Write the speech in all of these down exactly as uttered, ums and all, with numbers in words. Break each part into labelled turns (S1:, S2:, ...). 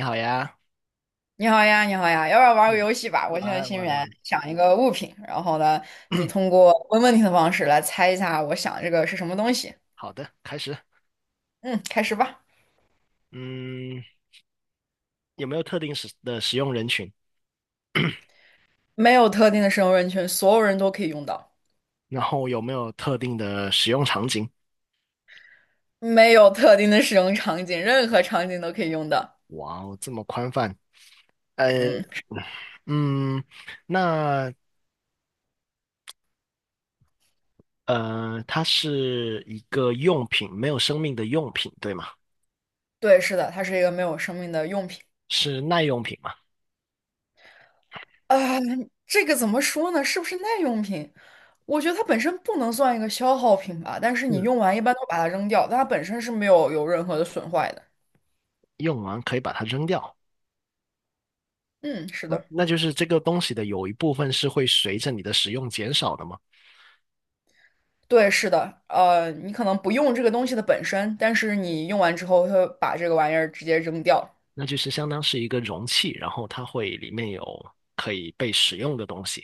S1: 你好呀。
S2: 你好呀，你好呀，要不要玩个
S1: 嗯，
S2: 游戏吧？我现在
S1: 来
S2: 心里
S1: 玩
S2: 面
S1: 玩。
S2: 想一个物品，然后呢，你通过问问题的方式来猜一下我想这个是什么东西。
S1: 好的，开始。
S2: 嗯，开始吧。
S1: 嗯，有没有特定使的使用人群？
S2: 没有特定的使用人群，所有人都可以用到。
S1: 然后有没有特定的使用场景？
S2: 没有特定的使用场景，任何场景都可以用到。
S1: 哇哦，这么宽泛。呃，
S2: 嗯，
S1: 嗯，那呃，它是一个用品，没有生命的用品，对吗？
S2: 对，是的，它是一个没有生命的用品。
S1: 是耐用品嘛？
S2: 啊、这个怎么说呢？是不是耐用品？我觉得它本身不能算一个消耗品吧，但是你
S1: 嗯，
S2: 用完一般都把它扔掉，但它本身是没有有任何的损坏的。
S1: 用完可以把它扔掉。
S2: 嗯，是
S1: 那
S2: 的。
S1: 那就是这个东西的有一部分是会随着你的使用减少的吗？
S2: 对，是的，呃，你可能不用这个东西的本身，但是你用完之后，它会把这个玩意儿直接扔掉。
S1: 那就是相当是一个容器，然后它会里面有可以被使用的东西。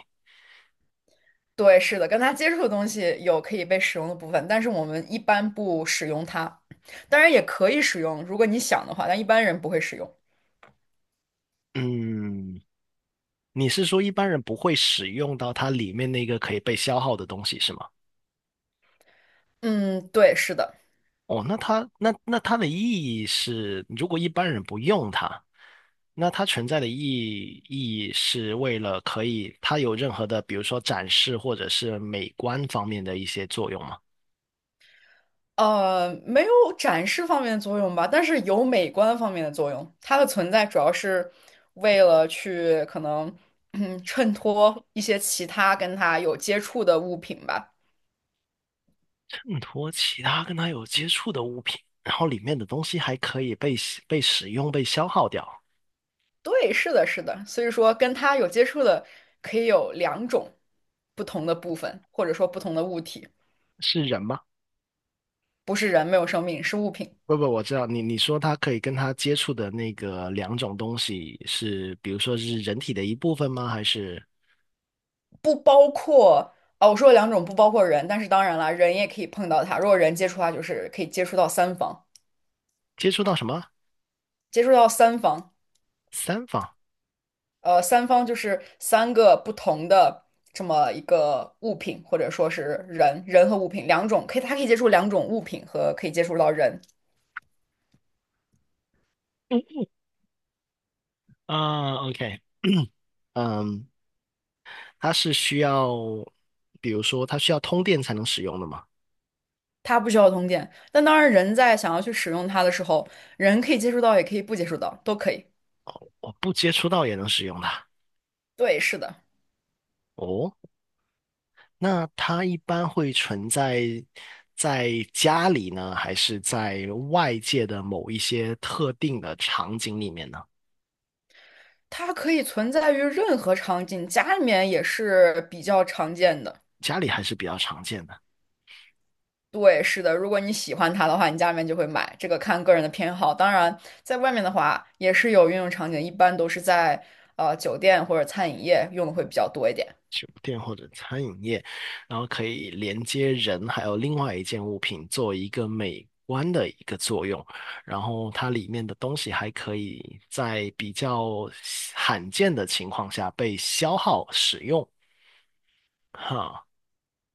S2: 对，是的，跟它接触的东西有可以被使用的部分，但是我们一般不使用它。当然也可以使用，如果你想的话，但一般人不会使用。
S1: 嗯，你是说一般人不会使用到它里面那个可以被消耗的东西是吗？
S2: 嗯，对，是的，
S1: 哦，那它那那它的意义是，如果一般人不用它，那它存在的意义意义是为了可以它有任何的，比如说展示或者是美观方面的一些作用吗？
S2: 呃，没有展示方面的作用吧，但是有美观方面的作用。它的存在主要是为了去可能 嗯，衬托一些其他跟它有接触的物品吧。
S1: 嗯，托其他跟它有接触的物品，然后里面的东西还可以被使被使用、被消耗掉，
S2: 对，是的，是的，所以说跟他有接触的可以有两种不同的部分，或者说不同的物体，
S1: 是人吗？
S2: 不是人，没有生命，是物品，
S1: 不不，我知道你你说他可以跟他接触的那个两种东西是，比如说是人体的一部分吗？还是
S2: 不包括啊。我说了两种不包括人，但是当然了，人也可以碰到它，如果人接触它，就是可以接触到三方，
S1: 接触到什么
S2: 接触到三方，
S1: 三方？
S2: 呃，三方就是三个不同的这么一个物品，或者说是人，人和物品两种，可以，它可以接触两种物品和可以接触到人。
S1: 嗯，啊，OK。嗯，它是需要，比如说它需要通电才能使用的吗？
S2: 它不需要通电。但当然，人在想要去使用它的时候，人可以接触到，也可以不接触到，都可以。
S1: 我不接触到也能使用的。
S2: 对，是的，
S1: 哦，那它一般会存在在家里呢，还是在外界的某一些特定的场景里面呢？
S2: 它可以存在于任何场景，家里面也是比较常见的。
S1: 家里还是比较常见的。
S2: 对，是的，如果你喜欢它的话，你家里面就会买，这个看个人的偏好。当然，在外面的话，也是有运用场景，一般都是在呃酒店或者餐饮业用的会比较多一点。
S1: 酒店或者餐饮业，然后可以连接人还有另外一件物品做一个美观的一个作用，然后它里面的东西还可以在比较罕见的情况下被消耗使用，哈。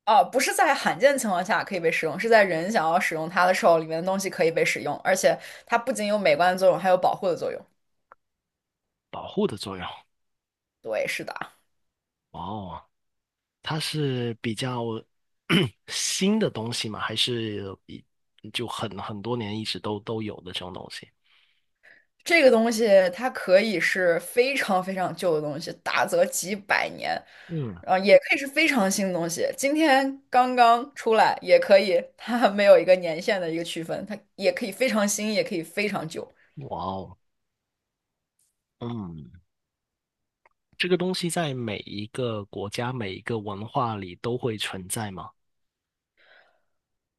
S2: 啊，不是在罕见情况下可以被使用，是在人想要使用它的时候，里面的东西可以被使用，而且它不仅有美观的作用，还有保护的作用。
S1: 保护的作用。
S2: 对，是的，
S1: 哦，它是比较 新的东西吗？还是一就很很多年一直都都有的这种东西？
S2: 这个东西它可以是非常非常旧的东西，大则几百年，
S1: 嗯，
S2: 啊，也可以是非常新的东西，今天刚刚出来也可以，它没有一个年限的一个区分，它也可以非常新，也可以非常旧。
S1: 哇哦，嗯，这个东西在每一个国家、每一个文化里都会存在吗？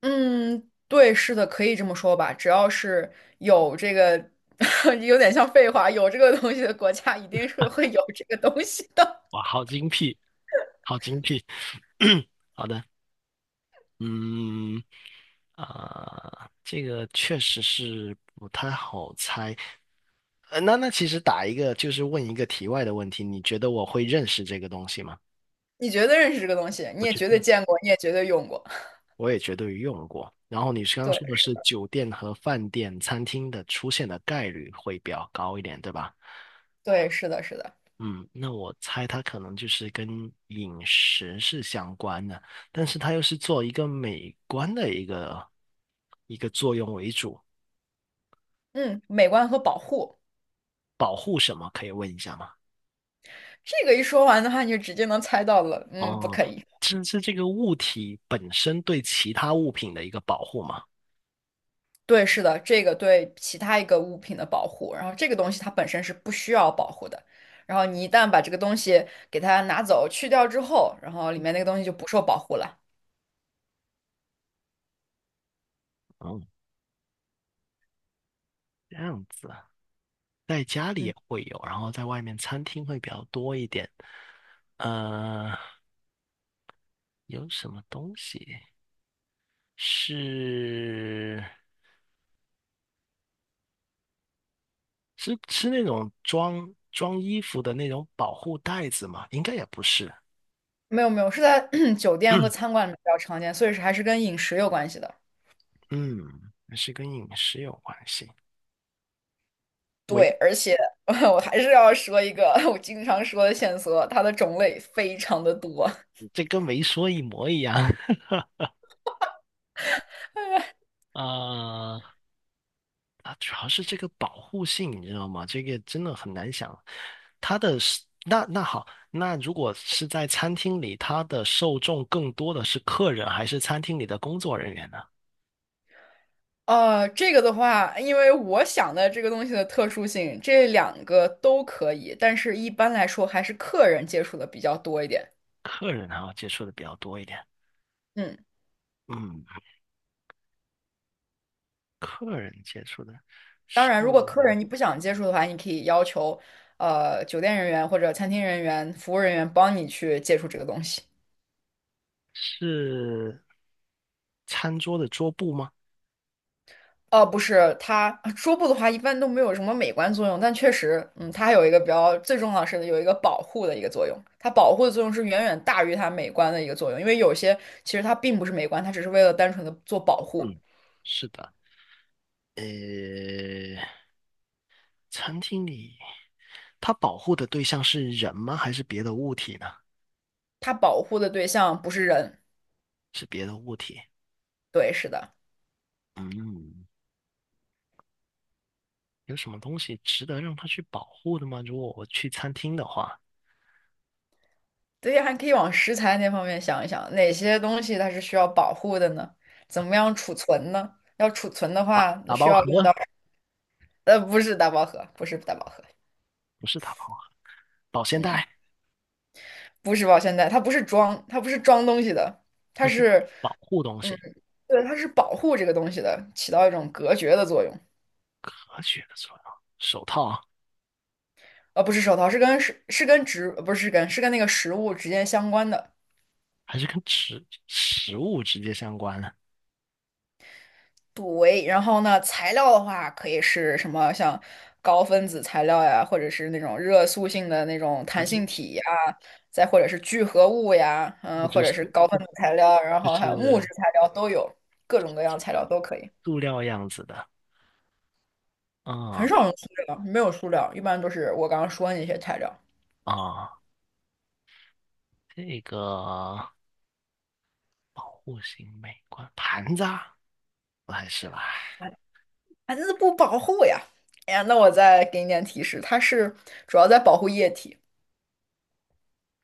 S2: 嗯，对，是的，可以这么说吧。只要是有这个，有点像废话，有这个东西的国家，一定是会有这个东西的。
S1: 哇，好精辟，好精辟。好的。嗯，啊、这个确实是不太好猜。呃，那那其实打一个就是问一个题外的问题，你觉得我会认识这个东西吗？
S2: 你绝对认识这个东西，你
S1: 我
S2: 也
S1: 觉
S2: 绝对
S1: 得
S2: 见过，你也绝对用过。
S1: 我也绝对用过。然后你刚刚
S2: 对，
S1: 说的是酒店和饭店、餐厅的出现的概率会比较高一点，对吧？
S2: 对，是的，是的。
S1: 嗯，那我猜它可能就是跟饮食是相关的，但是它又是做一个美观的一个一个作用为主。
S2: 嗯，美观和保护，
S1: 保护什么？可以问一下吗？
S2: 这个一说完的话，你就直接能猜到了。嗯，不
S1: 哦，
S2: 可以。
S1: 这是这个物体本身对其他物品的一个保护吗？
S2: 对，是的，这个对其他一个物品的保护，然后这个东西它本身是不需要保护的。然后你一旦把这个东西给它拿走、去掉之后，然后里面那个东西就不受保护了。
S1: 哦，这样子啊。在家里
S2: 嗯，
S1: 也会有，然后在外面餐厅会比较多一点。呃，有什么东西是是是那种装装衣服的那种保护袋子吗？应该也不是。
S2: 没有没有，是在 酒店和餐 馆里面比较常见，所以是还是跟饮食有关系的。
S1: 嗯，是跟饮食有关系。围，
S2: 对，而且 我还是要说一个 我经常说的线索，它的种类非常的多。
S1: 这跟没说一模一样。呃，啊，主要是这个保护性，你知道吗？这个真的很难想。它的是那那好，那如果是在餐厅里，它的受众更多的是客人，还是餐厅里的工作人员呢？
S2: 呃，这个的话，因为我想的这个东西的特殊性，这两个都可以，但是一般来说还是客人接触的比较多一点。
S1: 客人还要接触的比较多一点。
S2: 嗯，
S1: 嗯，客人接触的
S2: 当
S1: 是
S2: 然，如果客人你不想接触的话，你可以要求呃酒店人员或者餐厅人员、服务人员帮你去接触这个东西。
S1: 是餐桌的桌布吗？
S2: 哦，不是，它桌布的话一般都没有什么美观作用，但确实，嗯，它还有一个比较最重要的是有一个保护的一个作用。它保护的作用是远远大于它美观的一个作用，因为有些其实它并不是美观，它只是为了单纯的做保护。
S1: 嗯，是的。呃，餐厅里，它保护的对象是人吗？还是别的物体呢？
S2: 它保护的对象不是人，
S1: 是别的物体。
S2: 对，是的，
S1: 嗯。有什么东西值得让它去保护的吗？如果我去餐厅的话，
S2: 对，还可以往食材那方面想一想，哪些东西它是需要保护的呢？怎么样储存呢？要储存的
S1: 啊，
S2: 话，
S1: 打
S2: 需
S1: 包
S2: 要
S1: 盒
S2: 用到，呃，不是大饱盒，不是大盒，
S1: 不是打包盒。保鲜
S2: 嗯。
S1: 袋，
S2: 不是保鲜袋，它不是装，它不是装东西的，它
S1: 它是
S2: 是，
S1: 保护东
S2: 嗯，
S1: 西，
S2: 对，它是保护这个东西的，起到一种隔绝的作用。
S1: 何举的作用。手套
S2: 呃，不是手套，是跟是是跟植，呃不是跟是跟那个食物直接相关的
S1: 还是跟食食物直接相关的
S2: 部位。然后呢，材料的话可以是什么，像高分子材料呀，或者是那种热塑性的那种
S1: 啊？
S2: 弹
S1: 就
S2: 性体呀，再或者是聚合物呀，
S1: 那
S2: 嗯，或
S1: 就是
S2: 者是
S1: 塑
S2: 高分子材料，然
S1: 就
S2: 后还有木质
S1: 是
S2: 材料都有，各种各样材料都可以。
S1: 塑料样子的。啊
S2: 很少用塑料，没有塑料，一般都是我刚刚说的那些材料。
S1: 啊，这个户型美观盘子啊，不还是吧？
S2: 哎，啊那不保护呀！哎呀，那我再给你点提示，它是主要在保护液体，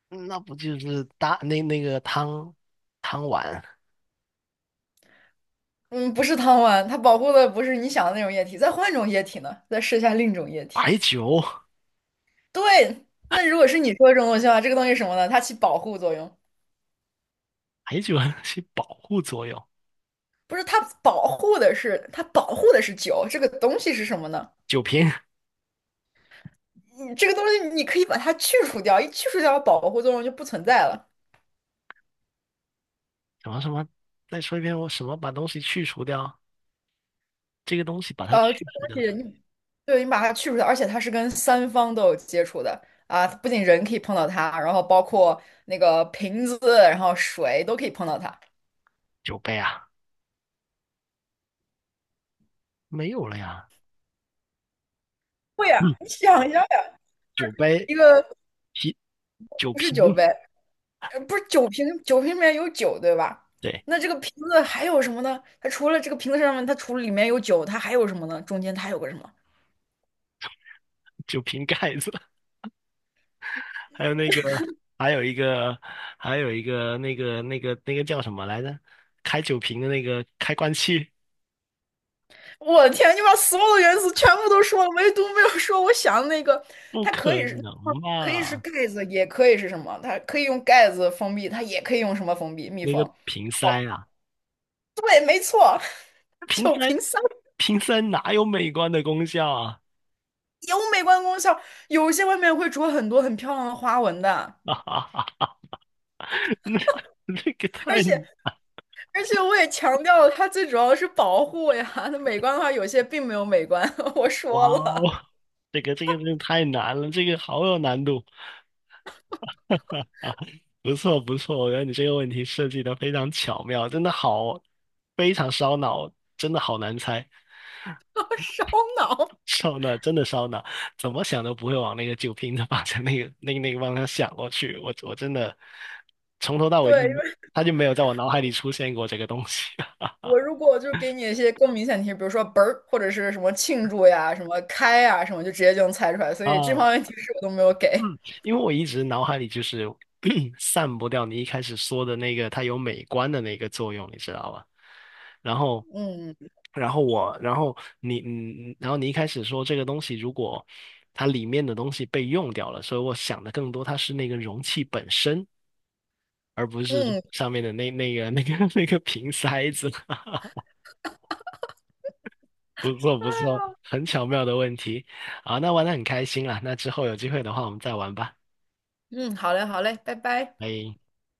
S1: 嗯那不就是大那那个汤汤碗。
S2: 嗯，不是汤丸，它保护的不是你想的那种液体。再换一种液体呢？再试一下另一种液体。
S1: 白酒。
S2: 对，那如果是你说的这种东西的话，这个东西是什么呢？它起保护作用，
S1: 白酒 还有些保护作用。
S2: 不是它保护的是它保护的是酒，这个东西是什么呢？
S1: 酒瓶
S2: 你这个东西你可以把它去除掉，一去除掉保护作用就不存在了。
S1: 什么什么，再说一遍，我什么把东西去除掉？这个东西把它去
S2: 呃，这个东
S1: 除掉
S2: 西
S1: 它，
S2: 你对，你把它去除掉，而且它是跟三方都有接触的啊，不仅人可以碰到它，然后包括那个瓶子，然后水都可以碰到它。
S1: 酒杯啊，没有了呀。
S2: 会呀，
S1: 嗯，
S2: 你想一下呀，
S1: 酒杯
S2: 一个
S1: 啤酒
S2: 不
S1: 瓶。
S2: 是酒杯，呃不是酒瓶，酒瓶里面有酒，对吧？
S1: 对，
S2: 那这个瓶子还有什么呢？它除了这个瓶子上面，它除了里面有酒，它还有什么呢？中间它还有个什么？
S1: 酒瓶盖子，还有那个，还有一个，还有一个那个那个那个叫什么来着？开酒瓶的那个开关器，
S2: 我的天，你把所有的元素全部都说了，唯独没有说我想的那个，
S1: 不
S2: 它可
S1: 可
S2: 以是
S1: 能
S2: 可以是
S1: 吧？
S2: 盖子，也可以是什么？它可以用盖子封闭，它也可以用什么封闭？密
S1: 那个
S2: 封。
S1: 瓶塞啊，瓶
S2: 就
S1: 塞。
S2: 凭香
S1: 瓶塞哪有美观的功效啊？
S2: 有美观功效，有些外面会着很多很漂亮的花纹的，
S1: 哈哈哈，那那个太
S2: 而且而且我也强调了，它最主要的是保护呀。它美观的话，有些并没有美观，我
S1: 哇
S2: 说
S1: 哦，
S2: 了，
S1: 这个这个真的太难了，这个好有难度啊！不错不错，我觉得你这个问题设计的非常巧妙，真的好，非常烧脑，真的好难猜。
S2: 烧脑。
S1: 烧脑真的烧脑，怎么想都不会往那个酒瓶子方向那个那个那个方向想过去，我我真的从头到尾就
S2: 对，
S1: 他就没有在我脑海里出现过这个东西。
S2: 我如果就是给你一些更明显的提示，比如说"啵儿"或者是什么庆祝呀、什么开呀、什么，就直接就能猜出来。所以这
S1: 啊。
S2: 方面提示我都没有给。
S1: 嗯，因为我一直脑海里就是 散不掉你一开始说的那个它有美观的那个作用，你知道吧？然后，
S2: 嗯
S1: 然后我，然后你，嗯，然后你一开始说这个东西如果它里面的东西被用掉了，所以我想的更多它是那个容器本身，而不是
S2: 嗯
S1: 上面的那那个那个 那个瓶塞子。不错不错，很巧妙的问题。好，那玩的很开心啦，那之后有机会的话我们再玩吧，
S2: 嗯，好嘞好嘞，拜拜。
S1: 拜。